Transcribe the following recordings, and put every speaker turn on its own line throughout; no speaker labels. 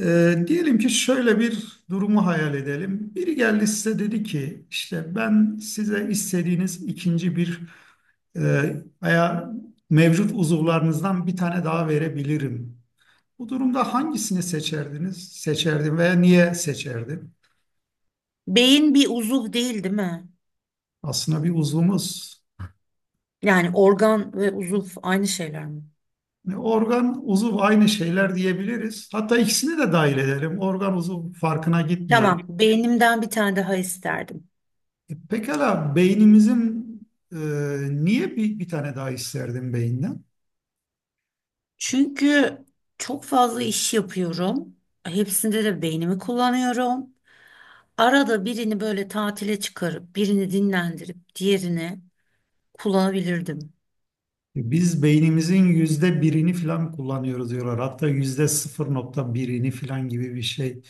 Diyelim ki şöyle bir durumu hayal edelim. Biri geldi size dedi ki işte ben size istediğiniz ikinci bir e, aya mevcut uzuvlarınızdan bir tane daha verebilirim. Bu durumda hangisini seçerdiniz? Seçerdim veya niye seçerdim?
Beyin bir uzuv değil, değil mi?
Aslında bir uzvumuz.
Yani organ ve uzuv aynı şeyler mi?
Yani organ, uzuv aynı şeyler diyebiliriz. Hatta ikisini de dahil edelim. Organ, uzuv farkına gitmeyelim.
Tamam, beynimden bir tane daha isterdim.
Pekala beynimizin e, niye bir tane daha isterdim beyinden?
Çünkü çok fazla iş yapıyorum. Hepsinde de beynimi kullanıyorum. Arada birini böyle tatile çıkarıp, birini dinlendirip, diğerini kullanabilirdim.
Biz beynimizin %1'ini falan kullanıyoruz diyorlar. Hatta %0,1'ini falan gibi bir şey.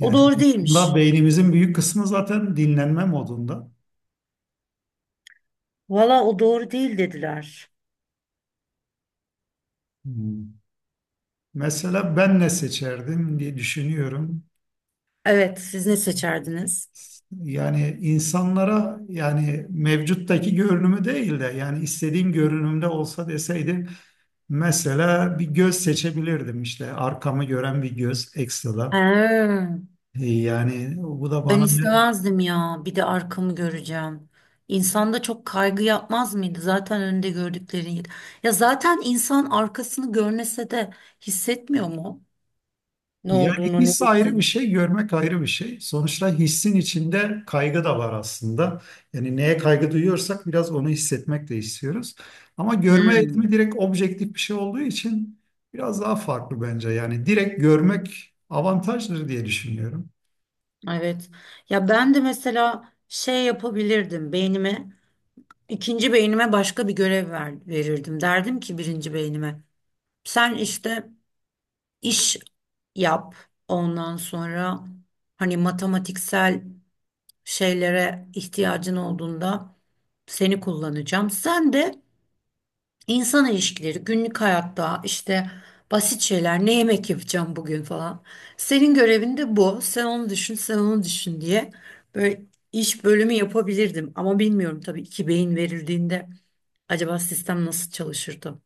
O doğru
aslında
değilmiş.
beynimizin büyük kısmı zaten dinlenme modunda.
Valla o doğru değil dediler.
Hmm. Mesela ben ne seçerdim diye düşünüyorum.
Evet, siz ne seçerdiniz?
Yani insanlara, yani mevcuttaki görünümü değil de yani istediğim görünümde olsa deseydi. Mesela bir göz seçebilirdim, işte arkamı gören bir göz ekstra.
Ha.
Yani bu da
Ben
bana ne?
istemezdim ya. Bir de arkamı göreceğim. İnsanda çok kaygı yapmaz mıydı? Zaten önünde gördüklerin. Ya zaten insan arkasını görmese de hissetmiyor mu? Ne
Yani
olduğunu, ne
his ayrı bir
bittiğini.
şey, görmek ayrı bir şey. Sonuçta hissin içinde kaygı da var aslında. Yani neye kaygı duyuyorsak biraz onu hissetmek de istiyoruz. Ama görme
Hmm,
eğitimi direkt objektif bir şey olduğu için biraz daha farklı bence. Yani direkt görmek avantajdır diye düşünüyorum.
evet. Ya ben de mesela şey yapabilirdim beynime. İkinci beynime başka bir görev ver, verirdim. Derdim ki birinci beynime, sen işte iş yap. Ondan sonra hani matematiksel şeylere ihtiyacın olduğunda seni kullanacağım. Sen de insan ilişkileri, günlük hayatta işte basit şeyler, ne yemek yapacağım bugün falan. Senin görevin de bu. Sen onu düşün, sen onu düşün diye böyle iş bölümü yapabilirdim. Ama bilmiyorum tabii iki beyin verildiğinde acaba sistem nasıl çalışırdı?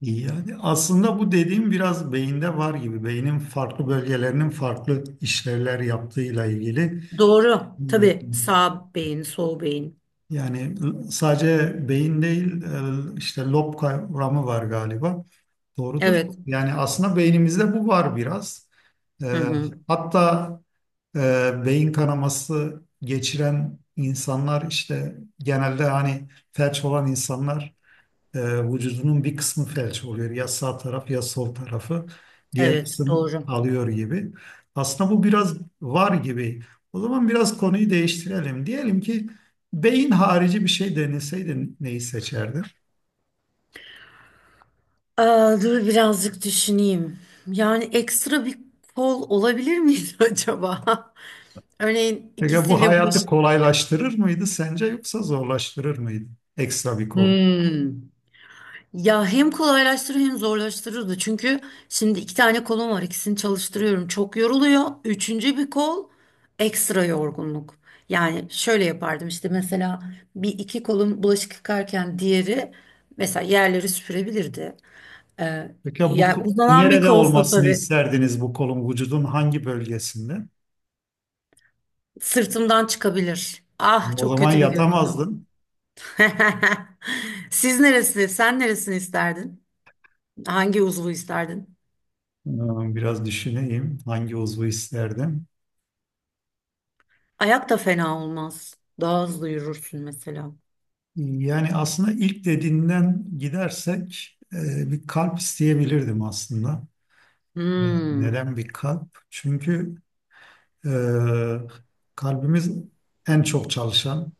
Yani aslında bu dediğim biraz beyinde var gibi. Beynin farklı bölgelerinin farklı işlevler yaptığıyla ilgili.
Doğru. Tabii sağ beyin, sol beyin.
Yani sadece beyin değil, işte lob kavramı var galiba. Doğrudur.
Evet.
Yani aslında beynimizde bu var biraz.
Hı
E,
hı.
Hatta e, beyin kanaması geçiren insanlar, işte genelde hani felç olan insanlar, e, vücudunun bir kısmı felç oluyor. Ya sağ taraf ya sol tarafı, diğer
Evet,
kısım
doğru.
alıyor gibi. Aslında bu biraz var gibi. O zaman biraz konuyu değiştirelim. Diyelim ki beyin harici bir şey deneseydin, neyi seçerdin?
Aa, dur birazcık düşüneyim. Yani ekstra bir kol olabilir miydi acaba? Örneğin
Peki bu
ikisiyle bu iş.
hayatı kolaylaştırır mıydı sence, yoksa zorlaştırır mıydı? Ekstra bir kol.
Hmm. Ya hem kolaylaştırır hem zorlaştırırdı. Çünkü şimdi iki tane kolum var. İkisini çalıştırıyorum. Çok yoruluyor. Üçüncü bir kol ekstra yorgunluk. Yani şöyle yapardım işte mesela bir iki kolum bulaşık yıkarken diğeri mesela yerleri süpürebilirdi. Ee,
Peki bu kol,
Yani uzanan bir
nerede
kolsa
olmasını
tabii.
isterdiniz bu kolun, vücudun hangi bölgesinde?
Sırtımdan çıkabilir. Ah
O
çok
zaman
kötü bir görüntü.
yatamazdın.
Siz neresi? Sen neresini isterdin? Hangi uzvu isterdin?
Ee, Biraz düşüneyim hangi uzvu isterdim.
Ayak da fena olmaz. Daha hızlı yürürsün mesela.
Yani aslında ilk dediğinden gidersek bir kalp isteyebilirdim aslında.
Hmm.
Neden bir kalp? Çünkü e, kalbimiz en çok çalışan,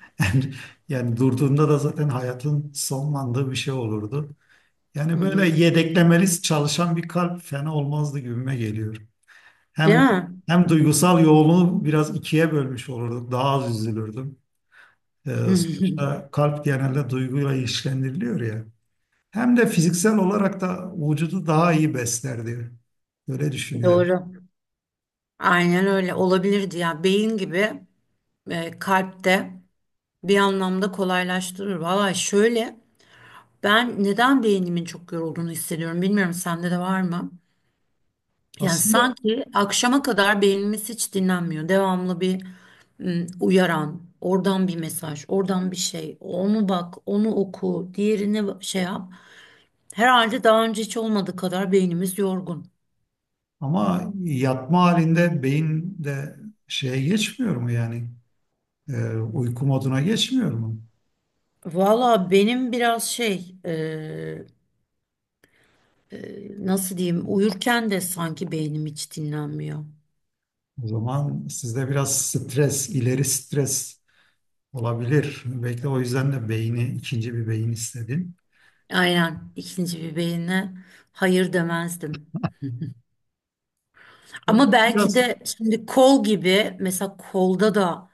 en- yani durduğunda da zaten hayatın sonlandığı bir şey olurdu.
Hı
Yani böyle
hı.
yedeklemeli çalışan bir kalp fena olmazdı gibime geliyor.
Değil
Hem
mi?
hem duygusal yoğunluğu biraz ikiye bölmüş olurduk, daha az üzülürdüm. E, Sonuçta kalp genelde duyguyla ilişkilendiriliyor ya. Hem de fiziksel olarak da vücudu daha iyi besler diye. Öyle düşünüyorum.
Doğru. Aynen öyle olabilirdi ya. Beyin gibi kalp de bir anlamda kolaylaştırır. Valla şöyle, ben neden beynimin çok yorulduğunu hissediyorum. Bilmiyorum, sende de var mı? Yani
Aslında
sanki akşama kadar beynimiz hiç dinlenmiyor. Devamlı bir uyaran, oradan bir mesaj, oradan bir şey. Onu bak, onu oku, diğerini şey yap. Herhalde daha önce hiç olmadığı kadar beynimiz yorgun.
ama yatma halinde beyin de şeye geçmiyor mu yani? Uyku moduna geçmiyor mu?
Valla benim biraz şey, nasıl diyeyim, uyurken de sanki beynim hiç dinlenmiyor.
O zaman sizde biraz stres, ileri stres olabilir. Belki o yüzden de beyni, ikinci bir beyin istedin.
Aynen, ikinci bir beyine hayır demezdim. Ama belki
Biraz,
de şimdi kol gibi, mesela kolda da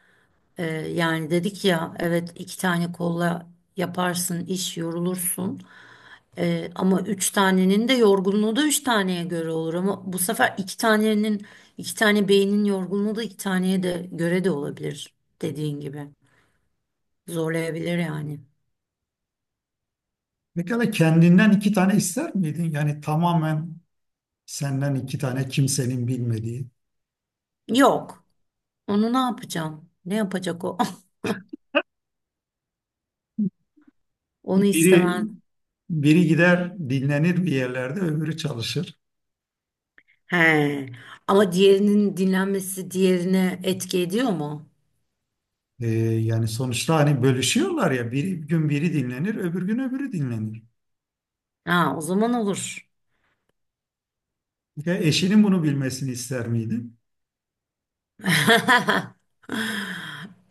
Yani dedik ya, evet, iki tane kolla yaparsın iş, yorulursun. Ama üç tanenin de yorgunluğu da üç taneye göre olur, ama bu sefer iki tane beynin yorgunluğu da iki taneye de göre de olabilir, dediğin gibi zorlayabilir yani.
pekala kendinden iki tane ister miydin? Yani tamamen senden iki tane kimsenin bilmediği.
Yok, onu ne yapacağım, ne yapacak o? Onu
Biri
istemez.
Biri gider dinlenir bir yerlerde, öbürü çalışır.
He. Ama diğerinin dinlenmesi diğerine etki ediyor mu?
Yani sonuçta hani bölüşüyorlar ya, bir gün biri dinlenir, öbür gün öbürü dinlenir.
Ha, o zaman olur.
Ya eşinin bunu bilmesini ister miydin?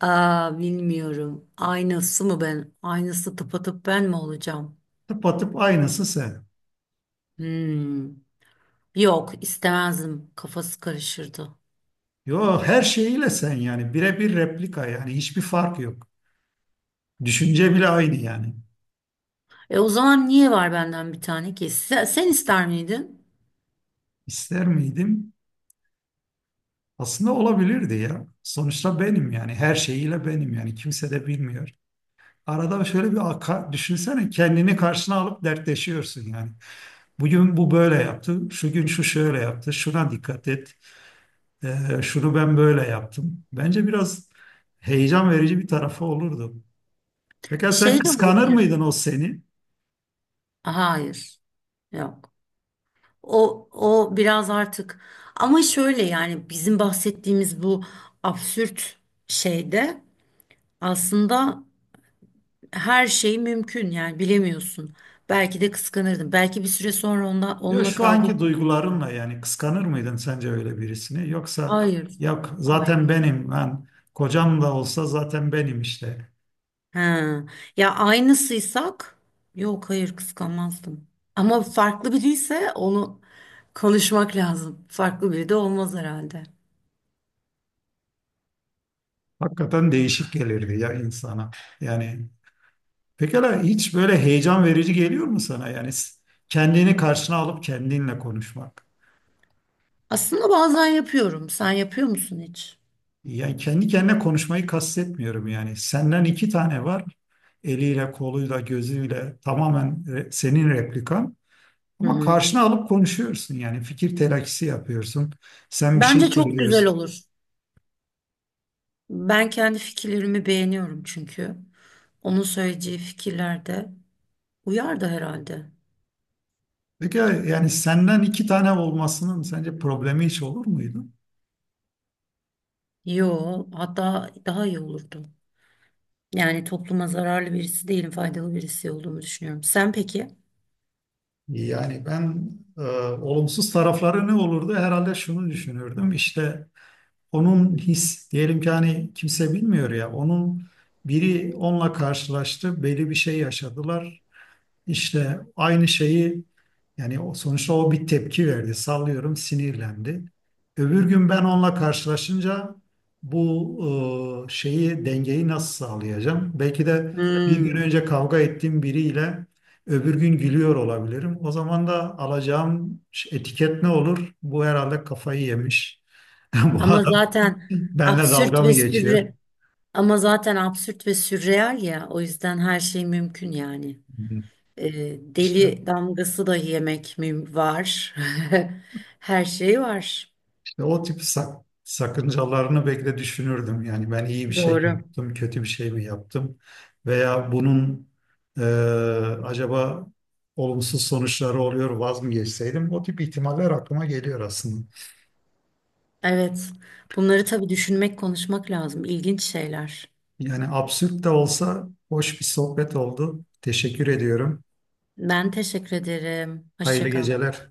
Aa, bilmiyorum. Aynısı mı ben? Aynısı tıpatıp ben mi olacağım?
Tıpatıp aynısı sen.
Hmm. Yok, istemezdim. Kafası karışırdı.
Yo, her şeyiyle sen yani, birebir replika, yani hiçbir fark yok. Düşünce bile aynı yani.
E o zaman niye var benden bir tane ki? Sen ister miydin?
İster miydim? Aslında olabilirdi ya. Sonuçta benim yani, her şeyiyle benim yani, kimse de bilmiyor. Arada şöyle bir düşünsene, kendini karşına alıp dertleşiyorsun yani. Bugün bu böyle yaptı, şu gün şu şöyle yaptı, şuna dikkat et, şunu ben böyle yaptım. Bence biraz heyecan verici bir tarafı olurdu. Peki sen
Şey de
kıskanır
olabilir.
mıydın o seni?
Hayır. Yok. O o biraz artık, ama şöyle yani bizim bahsettiğimiz bu absürt şeyde aslında her şey mümkün yani, bilemiyorsun. Belki de kıskanırdım. Belki bir süre sonra onunla,
Yok,
onunla
şu
kavga
anki
etmek
duygularınla
isterdim.
yani, kıskanır mıydın sence öyle birisini? Yoksa
Hayır.
yok, zaten
Hayır.
benim, ben, kocam da olsa zaten benim işte.
He. Ya aynısıysak, yok, hayır, kıskanmazdım. Ama farklı biriyse onu konuşmak lazım. Farklı biri de olmaz herhalde.
Hakikaten değişik gelirdi ya insana. Yani pekala, hiç böyle heyecan verici geliyor mu sana? Yani kendini karşına alıp kendinle konuşmak.
Aslında bazen yapıyorum. Sen yapıyor musun hiç?
Yani kendi kendine konuşmayı kastetmiyorum yani. Senden iki tane var. Eliyle, koluyla, gözüyle tamamen senin replikan.
Hı
Ama
hı.
karşına alıp konuşuyorsun yani. Fikir telakisi yapıyorsun. Sen bir şey
Bence çok güzel
söylüyorsun.
olur. Ben kendi fikirlerimi beğeniyorum çünkü. Onun söyleyeceği fikirler de uyar da herhalde.
Peki yani senden iki tane olmasının sence problemi hiç olur muydu?
Yo, hatta daha iyi olurdu. Yani topluma zararlı birisi değilim, faydalı birisi olduğumu düşünüyorum. Sen peki?
Yani ben, e, olumsuz tarafları ne olurdu? Herhalde şunu düşünürdüm. İşte, onun his diyelim ki, hani kimse bilmiyor ya onun, biri onunla karşılaştı, belli bir şey yaşadılar. İşte aynı şeyi yani o, sonuçta o bir tepki verdi, sallıyorum sinirlendi. Öbür gün ben onunla karşılaşınca bu, şeyi, dengeyi nasıl sağlayacağım? Belki de bir gün
Hmm.
önce kavga ettiğim biriyle öbür gün gülüyor olabilirim. O zaman da alacağım etiket ne olur? Bu herhalde kafayı yemiş. Bu
Ama
adam.
zaten
Benle
absürt
dalga mı
ve
geçiyor?
ama zaten absürt ve sürreal ya. O yüzden her şey mümkün yani.
Hı. İşte,
Deli damgası dahi yemek mi var? Her şey var.
işte, o tip sakıncalarını bekle düşünürdüm. Yani ben iyi bir şey mi
Doğru.
yaptım, kötü bir şey mi yaptım? Veya bunun, e, acaba olumsuz sonuçları oluyor, vaz mı geçseydim? O tip ihtimaller aklıma geliyor aslında.
Evet. Bunları tabii düşünmek, konuşmak lazım. İlginç şeyler.
Yani absürt de olsa hoş bir sohbet oldu. Teşekkür ediyorum.
Ben teşekkür ederim.
Hayırlı
Hoşça kal.
geceler.